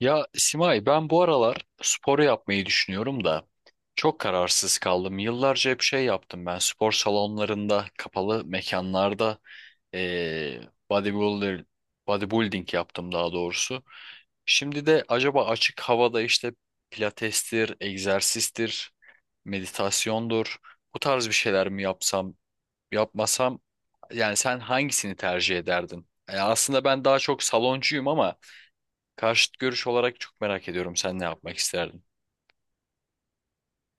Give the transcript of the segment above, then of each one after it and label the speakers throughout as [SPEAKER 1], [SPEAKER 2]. [SPEAKER 1] Ya Simay, ben bu aralar spor yapmayı düşünüyorum da çok kararsız kaldım. Yıllarca hep şey yaptım, ben spor salonlarında, kapalı mekanlarda eee bodybuilder, bodybuilding yaptım daha doğrusu. Şimdi de acaba açık havada işte pilatestir, egzersizdir, meditasyondur, bu tarz bir şeyler mi yapsam yapmasam, yani sen hangisini tercih ederdin? Yani aslında ben daha çok saloncuyum ama karşıt görüş olarak çok merak ediyorum, sen ne yapmak isterdin?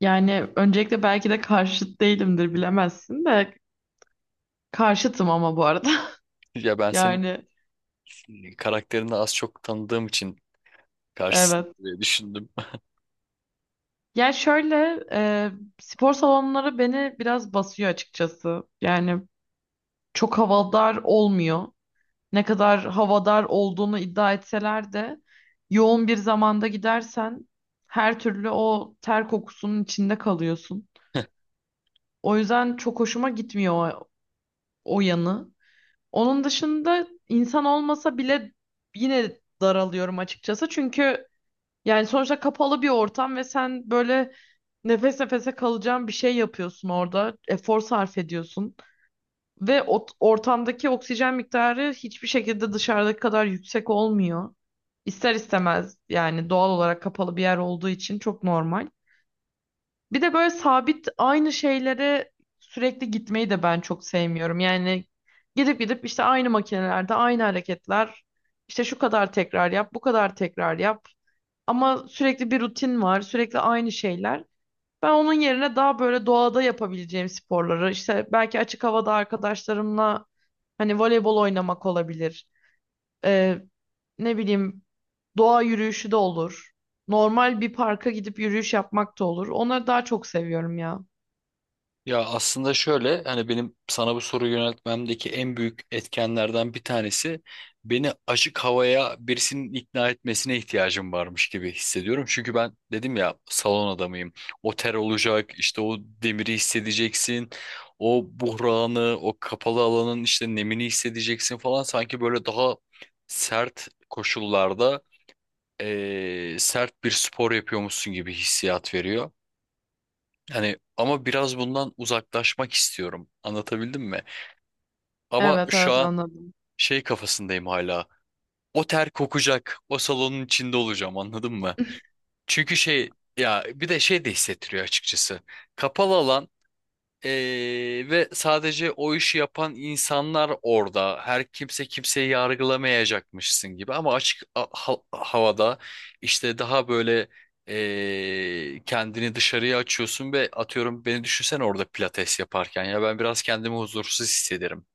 [SPEAKER 2] Yani öncelikle belki de karşıt değilimdir bilemezsin de karşıtım ama bu arada.
[SPEAKER 1] Ya ben senin
[SPEAKER 2] Yani
[SPEAKER 1] karakterini az çok tanıdığım için karşısın
[SPEAKER 2] evet.
[SPEAKER 1] diye düşündüm.
[SPEAKER 2] Yani şöyle spor salonları beni biraz basıyor açıkçası. Yani çok havadar olmuyor. Ne kadar havadar olduğunu iddia etseler de yoğun bir zamanda gidersen her türlü o ter kokusunun içinde kalıyorsun. O yüzden çok hoşuma gitmiyor o yanı. Onun dışında insan olmasa bile yine daralıyorum açıkçası. Çünkü yani sonuçta kapalı bir ortam ve sen böyle nefes nefese kalacağın bir şey yapıyorsun orada. Efor sarf ediyorsun. Ve o ortamdaki oksijen miktarı hiçbir şekilde dışarıdaki kadar yüksek olmuyor. İster istemez yani doğal olarak kapalı bir yer olduğu için çok normal. Bir de böyle sabit aynı şeylere sürekli gitmeyi de ben çok sevmiyorum. Yani gidip gidip işte aynı makinelerde aynı hareketler. İşte şu kadar tekrar yap, bu kadar tekrar yap. Ama sürekli bir rutin var, sürekli aynı şeyler. Ben onun yerine daha böyle doğada yapabileceğim sporları, işte belki açık havada arkadaşlarımla hani voleybol oynamak olabilir. Ee, ne bileyim doğa yürüyüşü de olur. Normal bir parka gidip yürüyüş yapmak da olur. Onları daha çok seviyorum ya.
[SPEAKER 1] Ya aslında şöyle, hani benim sana bu soruyu yöneltmemdeki en büyük etkenlerden bir tanesi, beni açık havaya birisinin ikna etmesine ihtiyacım varmış gibi hissediyorum. Çünkü ben dedim ya, salon adamıyım. O ter olacak, işte o demiri hissedeceksin. O buhranı, o kapalı alanın işte nemini hissedeceksin falan. Sanki böyle daha sert koşullarda sert bir spor yapıyormuşsun gibi hissiyat veriyor. Hani ama biraz bundan uzaklaşmak istiyorum. Anlatabildim mi? Ama
[SPEAKER 2] Evet
[SPEAKER 1] şu
[SPEAKER 2] evet,
[SPEAKER 1] an
[SPEAKER 2] anladım.
[SPEAKER 1] şey kafasındayım hala. O ter kokacak, o salonun içinde olacağım, anladın mı? Çünkü şey ya, bir de şey de hissettiriyor açıkçası. Kapalı alan ee, ve sadece o işi yapan insanlar orada. Her kimse kimseyi yargılamayacakmışsın gibi. Ama açık havada işte daha böyle kendini dışarıya açıyorsun ve atıyorum, beni düşünsen orada pilates yaparken, ya ben biraz kendimi huzursuz hissederim.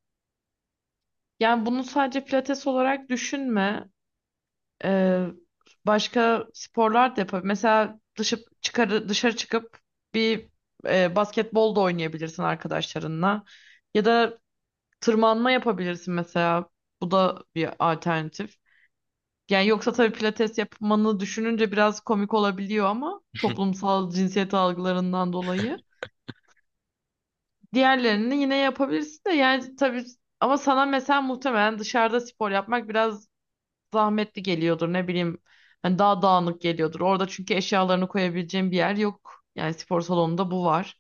[SPEAKER 2] Yani bunu sadece pilates olarak düşünme. Ee, Başka sporlar da yapabilir. Mesela dışarı çıkıp bir basketbol da oynayabilirsin arkadaşlarınla. Ya da tırmanma yapabilirsin mesela. Bu da bir alternatif. Yani yoksa tabii pilates yapmanı düşününce biraz komik olabiliyor ama toplumsal cinsiyet algılarından dolayı. Diğerlerini yine yapabilirsin de yani tabii ama sana mesela muhtemelen dışarıda spor yapmak biraz zahmetli geliyordur, ne bileyim, hani daha dağınık geliyordur. Orada çünkü eşyalarını koyabileceğin bir yer yok. Yani spor salonunda bu var.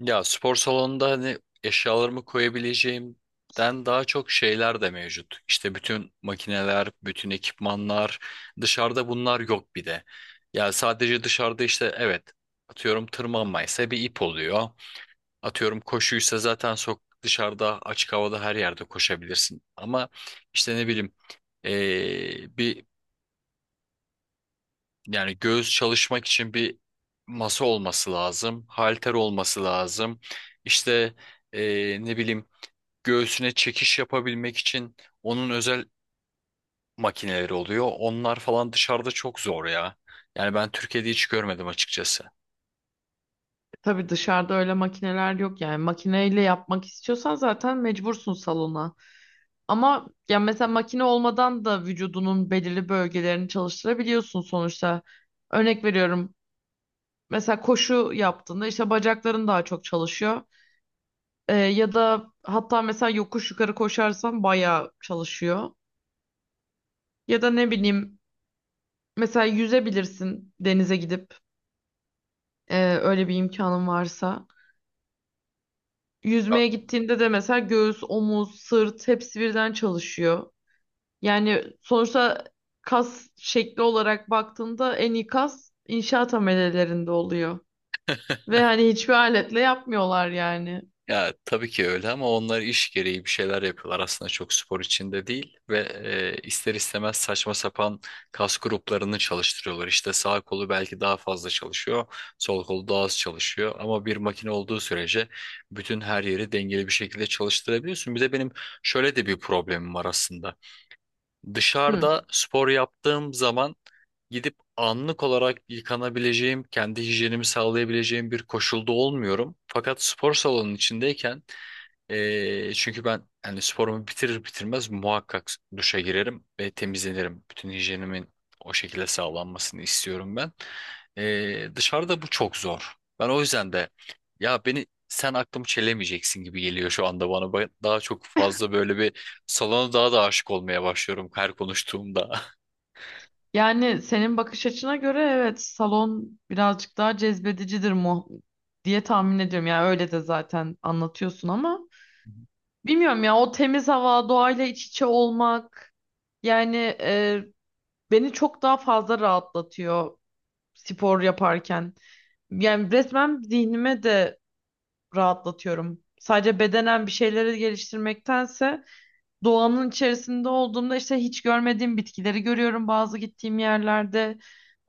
[SPEAKER 1] Ya spor salonunda hani eşyalarımı koyabileceğimden daha çok şeyler de mevcut. İşte bütün makineler, bütün ekipmanlar, dışarıda bunlar yok bir de. Ya sadece dışarıda işte evet, atıyorum tırmanmaysa bir ip oluyor. Atıyorum koşuysa zaten sok dışarıda açık havada her yerde koşabilirsin. Ama işte ne bileyim, bir yani göğüs çalışmak için bir masa olması lazım, halter olması lazım. İşte ne bileyim, göğsüne çekiş yapabilmek için onun özel makineleri oluyor. Onlar falan dışarıda çok zor ya. Yani ben Türkiye'de hiç görmedim açıkçası.
[SPEAKER 2] E, tabii dışarıda öyle makineler yok, yani makineyle yapmak istiyorsan zaten mecbursun salona. Ama ya mesela makine olmadan da vücudunun belirli bölgelerini çalıştırabiliyorsun sonuçta. Örnek veriyorum. Mesela koşu yaptığında işte bacakların daha çok çalışıyor. Ya da hatta mesela yokuş yukarı koşarsan bayağı çalışıyor. Ya da ne bileyim, mesela yüzebilirsin denize gidip öyle bir imkanın varsa. Yüzmeye gittiğinde de mesela göğüs, omuz, sırt hepsi birden çalışıyor. Yani sonuçta kas şekli olarak baktığında en iyi kas inşaat amelelerinde oluyor. Ve hani hiçbir aletle yapmıyorlar yani.
[SPEAKER 1] Ya tabii ki öyle, ama onlar iş gereği bir şeyler yapıyorlar aslında, çok spor içinde değil ve ister istemez saçma sapan kas gruplarını çalıştırıyorlar. İşte sağ kolu belki daha fazla çalışıyor, sol kolu daha az çalışıyor, ama bir makine olduğu sürece bütün her yeri dengeli bir şekilde çalıştırabiliyorsun. Bir de benim şöyle de bir problemim var aslında.
[SPEAKER 2] Hı.
[SPEAKER 1] Dışarıda spor yaptığım zaman gidip anlık olarak yıkanabileceğim, kendi hijyenimi sağlayabileceğim bir koşulda olmuyorum. Fakat spor salonunun içindeyken çünkü ben hani sporumu bitirir bitirmez muhakkak duşa girerim ve temizlenirim. Bütün hijyenimin o şekilde sağlanmasını istiyorum ben. Dışarıda bu çok zor. Ben o yüzden de, ya beni sen aklımı çelemeyeceksin gibi geliyor şu anda bana. Ben daha çok fazla böyle bir salona daha da aşık olmaya başlıyorum her konuştuğumda.
[SPEAKER 2] Yani senin bakış açına göre evet salon birazcık daha cezbedicidir mu diye tahmin ediyorum. Yani öyle de zaten anlatıyorsun ama. Bilmiyorum ya, o temiz hava, doğayla iç içe olmak, yani e, beni çok daha fazla rahatlatıyor spor yaparken. Yani resmen zihnime de rahatlatıyorum. Sadece bedenen bir şeyleri geliştirmektense doğanın içerisinde olduğumda işte hiç görmediğim bitkileri görüyorum bazı gittiğim yerlerde.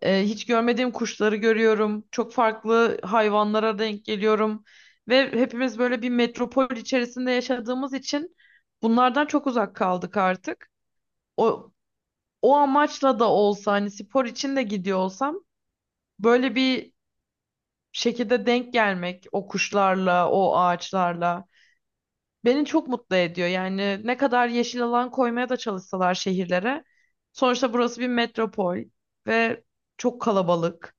[SPEAKER 2] Hiç görmediğim kuşları görüyorum. Çok farklı hayvanlara denk geliyorum. Ve hepimiz böyle bir metropol içerisinde yaşadığımız için bunlardan çok uzak kaldık artık. O, o amaçla da olsa hani spor için de gidiyor olsam böyle bir şekilde denk gelmek o kuşlarla, o ağaçlarla beni çok mutlu ediyor. Yani ne kadar yeşil alan koymaya da çalışsalar şehirlere. Sonuçta burası bir metropol ve çok kalabalık.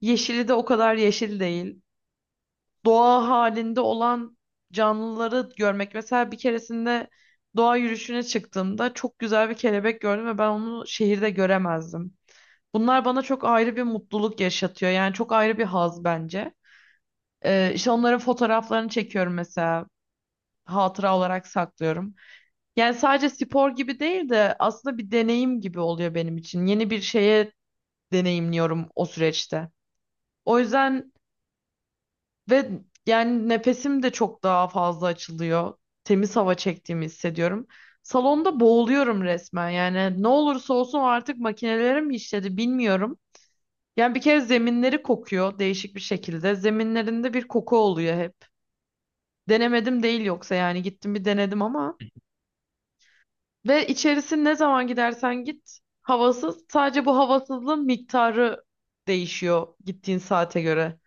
[SPEAKER 2] Yeşili de o kadar yeşil değil. Doğa halinde olan canlıları görmek. Mesela bir keresinde doğa yürüyüşüne çıktığımda çok güzel bir kelebek gördüm ve ben onu şehirde göremezdim. Bunlar bana çok ayrı bir mutluluk yaşatıyor. Yani çok ayrı bir haz bence. İşte onların fotoğraflarını çekiyorum mesela. Hatıra olarak saklıyorum. Yani sadece spor gibi değil de aslında bir deneyim gibi oluyor benim için. Yeni bir şeye deneyimliyorum o süreçte. O yüzden. Ve yani nefesim de çok daha fazla açılıyor. Temiz hava çektiğimi hissediyorum. Salonda boğuluyorum resmen. Yani ne olursa olsun artık makinelere mi işledi bilmiyorum. Yani bir kere zeminleri kokuyor değişik bir şekilde. Zeminlerinde bir koku oluyor hep. Denemedim değil yoksa, yani gittim bir denedim ama. Ve içerisi ne zaman gidersen git havasız. Sadece bu havasızlığın miktarı değişiyor gittiğin saate göre.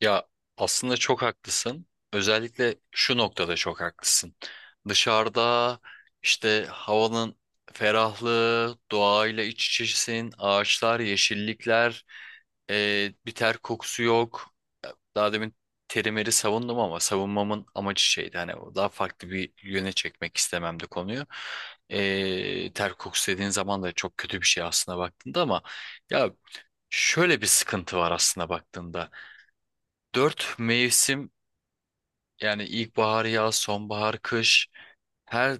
[SPEAKER 1] Ya aslında çok haklısın. Özellikle şu noktada çok haklısın. Dışarıda işte havanın ferahlığı, doğayla iç içesin, ağaçlar, yeşillikler, bir ter kokusu yok. Daha demin terimeri savundum ama savunmamın amacı şeydi. Hani o daha farklı bir yöne çekmek istememdi konuyu. Ter kokusu dediğin zaman da çok kötü bir şey aslında baktığında, ama ya şöyle bir sıkıntı var aslında baktığında. Dört mevsim, yani ilkbahar, yaz, sonbahar, kış, her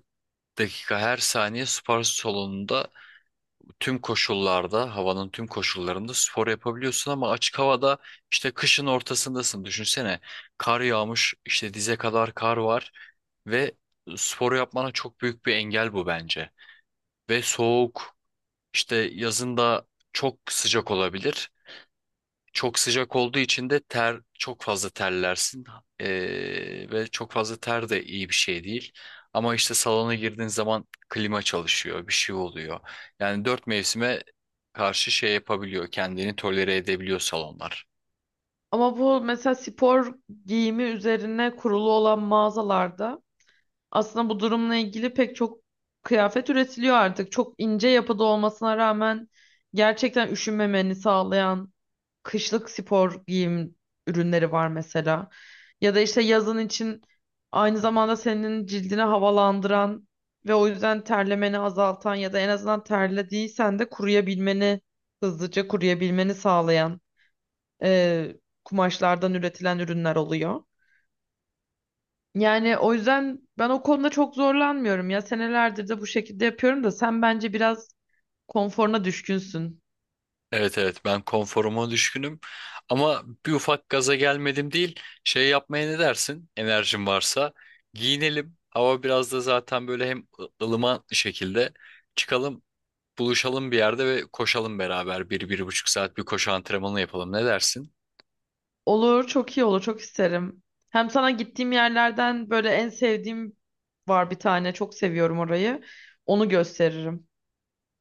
[SPEAKER 1] dakika, her saniye spor salonunda, tüm koşullarda, havanın tüm koşullarında spor yapabiliyorsun, ama açık havada işte kışın ortasındasın. Düşünsene, kar yağmış, işte dize kadar kar var ve sporu yapmana çok büyük bir engel bu bence. Ve soğuk, işte yazın da çok sıcak olabilir. Çok sıcak olduğu için de ter çok fazla terlersin. Ve çok fazla ter de iyi bir şey değil. Ama işte salona girdiğin zaman klima çalışıyor, bir şey oluyor. Yani dört mevsime karşı şey yapabiliyor, kendini tolere edebiliyor salonlar.
[SPEAKER 2] Ama bu mesela spor giyimi üzerine kurulu olan mağazalarda aslında bu durumla ilgili pek çok kıyafet üretiliyor artık. Çok ince yapıda olmasına rağmen gerçekten üşünmemeni sağlayan kışlık spor giyim ürünleri var mesela. Ya da işte yazın için aynı zamanda senin cildini havalandıran ve o yüzden terlemeni azaltan ya da en azından terlediysen de kuruyabilmeni, hızlıca kuruyabilmeni sağlayan e, kumaşlardan üretilen ürünler oluyor. Yani o yüzden ben o konuda çok zorlanmıyorum ya, senelerdir de bu şekilde yapıyorum da sen bence biraz konforuna düşkünsün.
[SPEAKER 1] Evet, evet, ben konforuma düşkünüm, ama bir ufak gaza gelmedim değil. Şey yapmaya ne dersin, enerjin varsa giyinelim, hava biraz da zaten böyle hem ılıman şekilde çıkalım, buluşalım bir yerde ve koşalım beraber. 1-1,5 saat bir koşu antrenmanı yapalım. Ne dersin?
[SPEAKER 2] Olur, çok iyi olur, çok isterim. Hem sana gittiğim yerlerden böyle en sevdiğim var bir tane, çok seviyorum orayı. Onu gösteririm.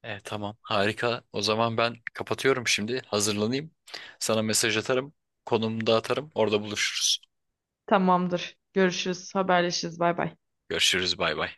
[SPEAKER 1] Tamam, harika. O zaman ben kapatıyorum şimdi. Hazırlanayım. Sana mesaj atarım. Konumu da atarım. Orada buluşuruz.
[SPEAKER 2] Tamamdır. Görüşürüz, haberleşiriz. Bay bay.
[SPEAKER 1] Görüşürüz. Bay bay.